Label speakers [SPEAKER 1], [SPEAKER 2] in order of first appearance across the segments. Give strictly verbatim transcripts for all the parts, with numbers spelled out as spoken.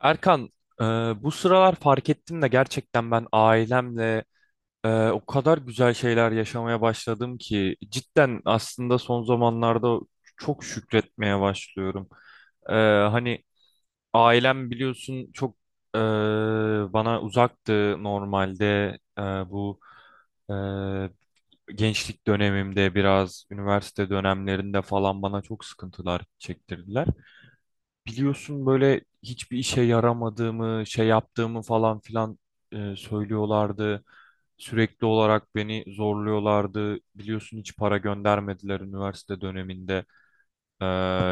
[SPEAKER 1] Erkan, e, bu sıralar fark ettim de gerçekten ben ailemle e, o kadar güzel şeyler yaşamaya başladım ki cidden aslında son zamanlarda çok şükretmeye başlıyorum. E, hani ailem biliyorsun çok e, bana uzaktı normalde. E, bu e, gençlik dönemimde biraz üniversite dönemlerinde falan bana çok sıkıntılar çektirdiler, biliyorsun böyle hiçbir işe yaramadığımı, şey yaptığımı falan filan e, söylüyorlardı. Sürekli olarak beni zorluyorlardı. Biliyorsun hiç para göndermediler üniversite döneminde. Ee,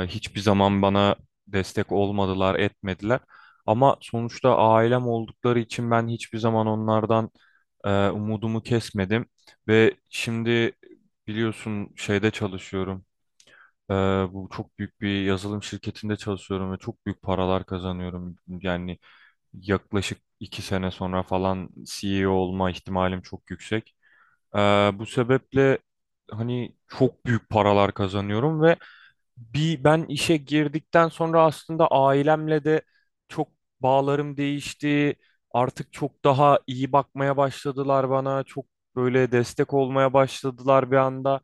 [SPEAKER 1] Hiçbir zaman bana destek olmadılar, etmediler. Ama sonuçta ailem oldukları için ben hiçbir zaman onlardan e, umudumu kesmedim. Ve şimdi biliyorsun şeyde çalışıyorum. Ee, Bu çok büyük bir yazılım şirketinde çalışıyorum ve çok büyük paralar kazanıyorum. Yani yaklaşık iki sene sonra falan C E O olma ihtimalim çok yüksek. Ee, Bu sebeple hani çok büyük paralar kazanıyorum ve bir ben işe girdikten sonra aslında ailemle de çok bağlarım değişti. Artık çok daha iyi bakmaya başladılar bana. Çok böyle destek olmaya başladılar bir anda.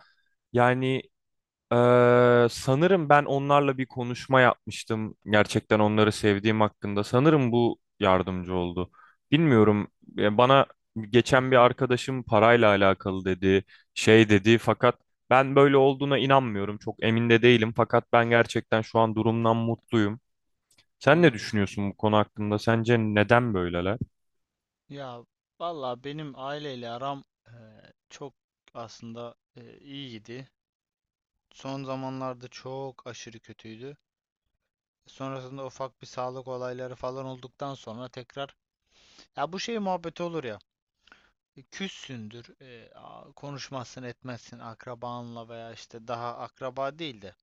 [SPEAKER 1] Yani ee, sanırım ben onlarla bir konuşma yapmıştım. Gerçekten onları sevdiğim hakkında. Sanırım bu yardımcı oldu. Bilmiyorum. e, Bana
[SPEAKER 2] Hı
[SPEAKER 1] geçen bir
[SPEAKER 2] hı,
[SPEAKER 1] arkadaşım parayla alakalı dedi, şey dedi. Fakat ben böyle olduğuna inanmıyorum. Çok emin de değilim. Fakat ben gerçekten şu an durumdan mutluyum. Sen ne
[SPEAKER 2] anladım.
[SPEAKER 1] düşünüyorsun bu konu hakkında? Sence neden böyleler?
[SPEAKER 2] Ya valla benim aileyle aram e, çok aslında e, iyiydi. Son zamanlarda çok aşırı kötüydü. Sonrasında ufak bir sağlık olayları falan olduktan sonra tekrar ya bu şey muhabbeti olur ya. e, Küssündür, e, a- konuşmazsın, etmezsin akrabanla veya işte daha akraba değil de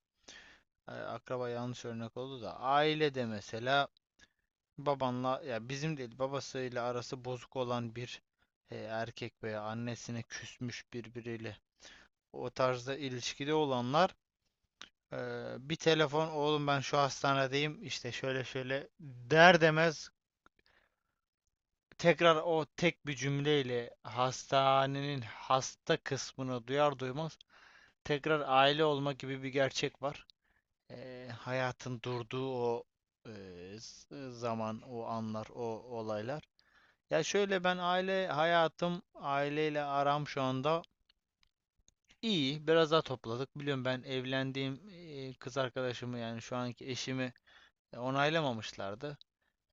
[SPEAKER 2] e, akraba yanlış örnek oldu da ailede mesela babanla ya bizim değil babasıyla arası bozuk olan bir e, erkek veya annesine küsmüş birbiriyle o tarzda ilişkide olanlar, e, bir telefon oğlum ben şu hastanedeyim işte şöyle şöyle der demez tekrar o tek bir cümleyle hastanenin hasta kısmını duyar duymaz tekrar aile olma gibi bir gerçek var. E, hayatın durduğu o e, zaman, o anlar, o olaylar. Ya şöyle, ben aile hayatım, aileyle aram şu anda iyi. Biraz daha topladık. Biliyorum, ben evlendiğim e, kız arkadaşımı yani şu anki eşimi e, onaylamamışlardı.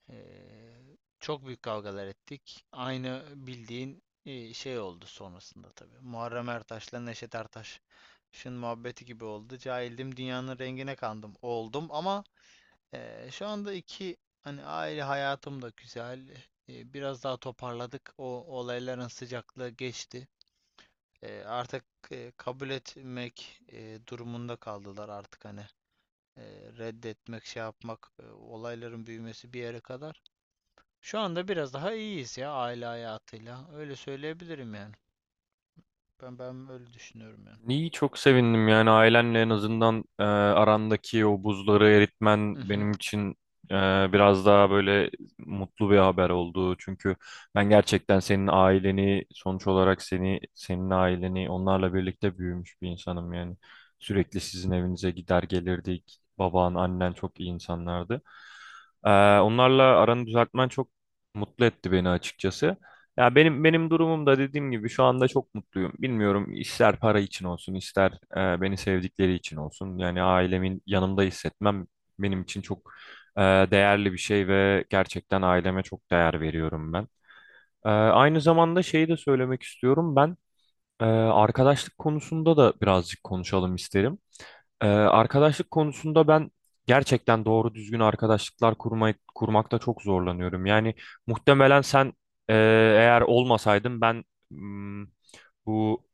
[SPEAKER 2] Eee, çok büyük kavgalar ettik. Aynı bildiğin e, şey oldu sonrasında tabii. Muharrem Ertaş'la Neşet Ertaş'ın muhabbeti gibi oldu. Cahildim, dünyanın rengine kandım oldum ama ee, şu anda iki hani aile hayatım da güzel. Ee, biraz daha toparladık. O olayların sıcaklığı geçti. Ee, artık e, kabul etmek e, durumunda kaldılar artık hani e, reddetmek şey yapmak, e, olayların büyümesi bir yere kadar. Şu anda biraz daha iyiyiz ya aile hayatıyla. Öyle söyleyebilirim yani. Ben ben öyle düşünüyorum yani.
[SPEAKER 1] İyi, çok sevindim yani ailenle en azından e, arandaki o buzları eritmen
[SPEAKER 2] Hı hı.
[SPEAKER 1] benim için e, biraz daha böyle mutlu bir haber oldu. Çünkü ben gerçekten senin aileni sonuç olarak seni, senin aileni, onlarla birlikte büyümüş bir insanım yani. Sürekli sizin evinize gider gelirdik. Baban, annen çok iyi insanlardı. E, Onlarla aranı düzeltmen çok mutlu etti beni açıkçası. Ya benim benim durumum da dediğim gibi şu anda çok mutluyum. Bilmiyorum, ister para için olsun, ister e, beni sevdikleri için olsun. Yani ailemin yanımda hissetmem benim için çok e, değerli bir şey ve gerçekten aileme çok değer veriyorum ben. E, aynı zamanda şeyi de söylemek istiyorum. Ben e, arkadaşlık konusunda da birazcık konuşalım isterim. Ee, arkadaşlık konusunda ben gerçekten doğru düzgün arkadaşlıklar kurmayı kurmakta çok zorlanıyorum. Yani muhtemelen sen e, eğer olmasaydın ben mm, bu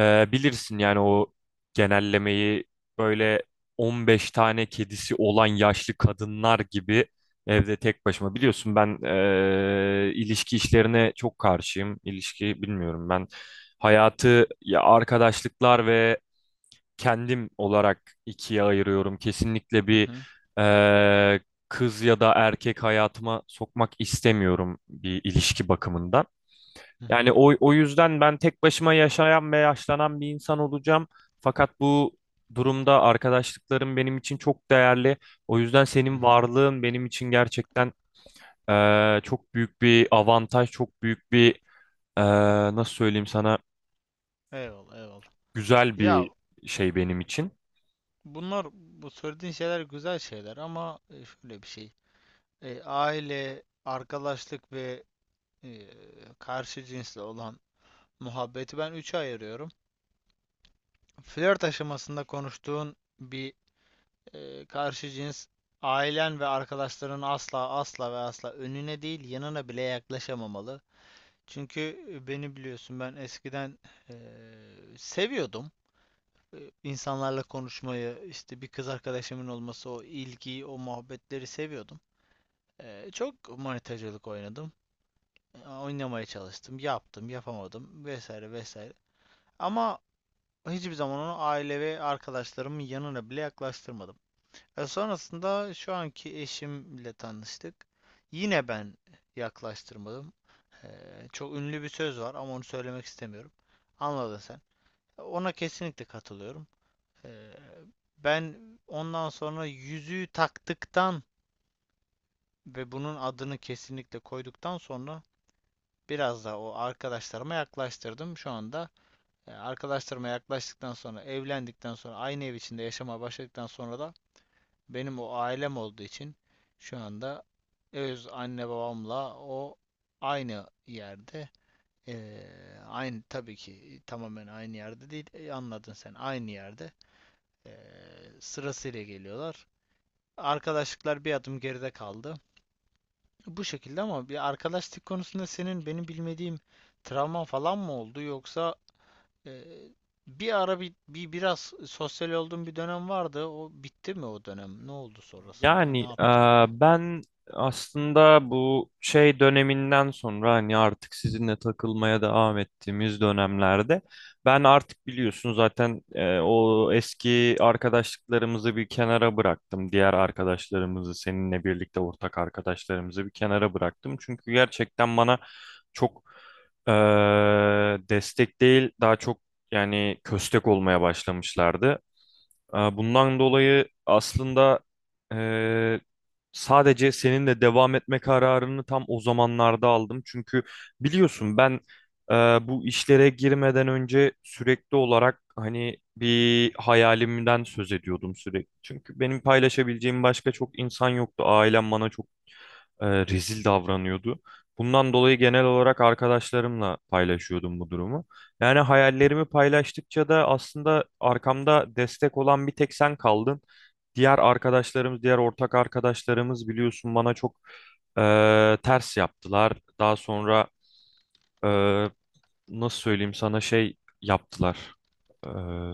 [SPEAKER 1] e, bilirsin yani o genellemeyi, böyle on beş tane kedisi olan yaşlı kadınlar gibi evde tek başıma. Biliyorsun ben e, ilişki işlerine çok karşıyım. İlişki, bilmiyorum, ben hayatı ya arkadaşlıklar ve kendim olarak ikiye ayırıyorum. Kesinlikle
[SPEAKER 2] Hı
[SPEAKER 1] bir
[SPEAKER 2] hı.
[SPEAKER 1] eee, kız ya da erkek hayatıma sokmak istemiyorum bir ilişki bakımından.
[SPEAKER 2] Hı
[SPEAKER 1] Yani
[SPEAKER 2] hı.
[SPEAKER 1] o, o yüzden ben tek başıma yaşayan ve yaşlanan bir insan olacağım. Fakat bu durumda arkadaşlıklarım benim için çok değerli. O yüzden
[SPEAKER 2] Hı
[SPEAKER 1] senin
[SPEAKER 2] hı.
[SPEAKER 1] varlığın benim için gerçekten eee, çok büyük bir avantaj, çok büyük bir eee, nasıl söyleyeyim sana.
[SPEAKER 2] Eyvallah, eyvallah.
[SPEAKER 1] Güzel
[SPEAKER 2] Ya,
[SPEAKER 1] bir şey benim için.
[SPEAKER 2] bunlar, bu söylediğin şeyler güzel şeyler ama e, şöyle bir şey. E, aile, arkadaşlık ve e, karşı cinsle olan muhabbeti ben üçe ayırıyorum. Flört aşamasında konuştuğun bir e, karşı cins, ailen ve arkadaşların asla, asla ve asla önüne değil yanına bile yaklaşamamalı. Çünkü e, beni biliyorsun, ben eskiden e, seviyordum. E, insanlarla konuşmayı, işte bir kız arkadaşımın olması, o ilgiyi, o muhabbetleri seviyordum. E, çok manitacılık oynadım. E, Oynamaya çalıştım, yaptım, yapamadım vesaire vesaire. Ama hiçbir zaman onu aile ve arkadaşlarımın yanına bile yaklaştırmadım. E, sonrasında şu anki eşimle tanıştık. Yine ben yaklaştırmadım. E, Çok ünlü bir söz var ama onu söylemek istemiyorum. Anladın sen. Ona kesinlikle katılıyorum. Ee, Ben ondan sonra yüzüğü taktıktan ve bunun adını kesinlikle koyduktan sonra biraz da o arkadaşlarıma yaklaştırdım. Şu anda e, arkadaşlarıma yaklaştıktan sonra, evlendikten sonra, aynı ev içinde yaşamaya başladıktan sonra da benim o ailem olduğu için şu anda öz anne babamla o aynı yerde, e, aynı tabii ki tamamen aynı yerde değil, e, anladın sen, aynı yerde e, sırasıyla geliyorlar. Arkadaşlıklar bir adım geride kaldı. Bu şekilde. Ama bir arkadaşlık konusunda senin benim bilmediğim travman falan mı oldu, yoksa e, bir ara bir, bir biraz sosyal olduğun bir dönem vardı. O bitti mi o dönem? Ne oldu sonrasında?
[SPEAKER 1] Yani
[SPEAKER 2] Ne
[SPEAKER 1] e,
[SPEAKER 2] yaptın yani?
[SPEAKER 1] ben aslında bu şey döneminden sonra, hani artık sizinle takılmaya devam ettiğimiz dönemlerde, ben artık biliyorsun zaten e, o eski arkadaşlıklarımızı bir kenara bıraktım. Diğer arkadaşlarımızı, seninle birlikte ortak arkadaşlarımızı bir kenara bıraktım. Çünkü gerçekten bana çok e, destek değil daha çok yani köstek olmaya başlamışlardı. Ee, Bundan dolayı aslında eee, sadece seninle devam etme kararını tam o zamanlarda aldım. Çünkü biliyorsun ben eee, bu işlere girmeden önce sürekli olarak hani bir hayalimden söz ediyordum sürekli. Çünkü benim paylaşabileceğim başka çok insan yoktu. Ailem bana çok e, rezil davranıyordu. Bundan dolayı genel olarak arkadaşlarımla paylaşıyordum bu durumu. Yani hayallerimi paylaştıkça da aslında arkamda destek olan bir tek sen kaldın. Diğer arkadaşlarımız, diğer ortak arkadaşlarımız biliyorsun bana çok e, ters yaptılar. Daha sonra e, nasıl söyleyeyim sana, şey yaptılar. E,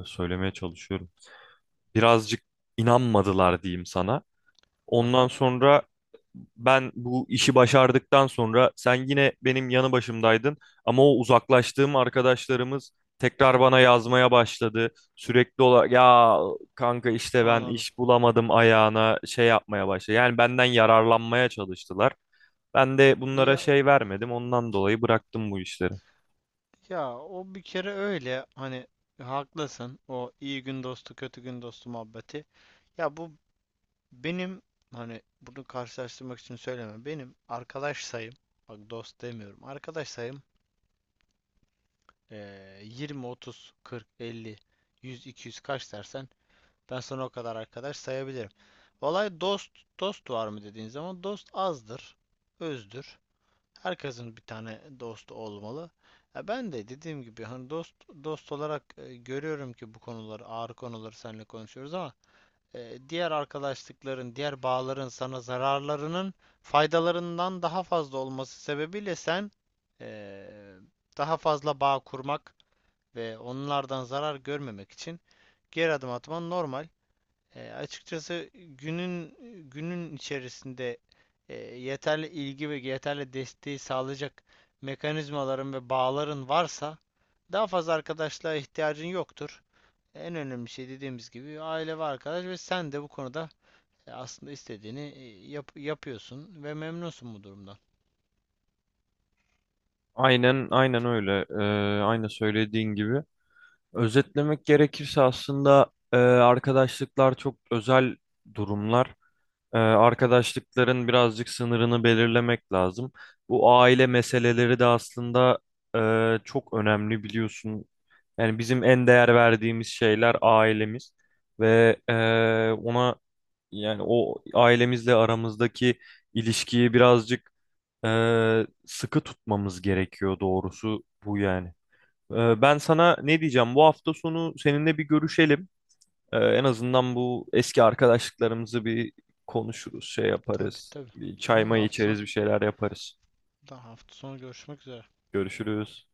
[SPEAKER 1] Söylemeye çalışıyorum. Birazcık inanmadılar diyeyim sana. Ondan
[SPEAKER 2] Aha,
[SPEAKER 1] sonra ben bu işi başardıktan sonra sen yine benim yanı başımdaydın, ama o uzaklaştığım arkadaşlarımız tekrar bana yazmaya başladı. Sürekli olarak ya kanka işte ben
[SPEAKER 2] anladım.
[SPEAKER 1] iş bulamadım ayağına şey yapmaya başladı. Yani benden yararlanmaya çalıştılar. Ben de bunlara
[SPEAKER 2] Ya,
[SPEAKER 1] şey vermedim. Ondan dolayı bıraktım bu işleri.
[SPEAKER 2] ya o bir kere öyle, hani haklısın. O iyi gün dostu, kötü gün dostu muhabbeti. Ya bu, benim, hani bunu karşılaştırmak için söyleme. Benim arkadaş sayım, bak dost demiyorum, arkadaş sayım eee, yirmi, otuz, kırk, elli, yüz, iki yüz, kaç dersen ben sana o kadar arkadaş sayabilirim. Olay dost. Dost var mı dediğin zaman, dost azdır, özdür. Herkesin bir tane dostu olmalı. Ya ben de dediğim gibi, hani dost dost olarak e, görüyorum ki bu konuları, ağır konuları seninle konuşuyoruz ama e, diğer arkadaşlıkların, diğer bağların sana zararlarının faydalarından daha fazla olması sebebiyle sen e, daha fazla bağ kurmak ve onlardan zarar görmemek için geri adım atman normal. E, açıkçası günün günün içerisinde e, yeterli ilgi ve yeterli desteği sağlayacak mekanizmaların ve bağların varsa daha fazla arkadaşlığa ihtiyacın yoktur. En önemli şey dediğimiz gibi aile ve arkadaş, ve sen de bu konuda e, aslında istediğini e, yap- yapıyorsun ve memnunsun bu durumdan.
[SPEAKER 1] Aynen, aynen öyle. Ee, aynı söylediğin gibi. Özetlemek gerekirse aslında e, arkadaşlıklar çok özel durumlar. Ee, arkadaşlıkların birazcık sınırını belirlemek lazım. Bu aile meseleleri de aslında e, çok önemli biliyorsun. Yani bizim en değer verdiğimiz şeyler ailemiz ve e, ona yani o ailemizle aramızdaki ilişkiyi birazcık e, sıkı tutmamız gerekiyor doğrusu bu yani. E, ben sana ne diyeceğim? Bu hafta sonu seninle bir görüşelim. Ee, en azından bu eski arkadaşlıklarımızı bir konuşuruz, şey
[SPEAKER 2] Tabii,
[SPEAKER 1] yaparız.
[SPEAKER 2] tabii.
[SPEAKER 1] Bir çay
[SPEAKER 2] Tamam,
[SPEAKER 1] mayı
[SPEAKER 2] hafta
[SPEAKER 1] içeriz,
[SPEAKER 2] sonu,
[SPEAKER 1] bir şeyler yaparız.
[SPEAKER 2] hafta sonu görüşmek üzere.
[SPEAKER 1] Görüşürüz.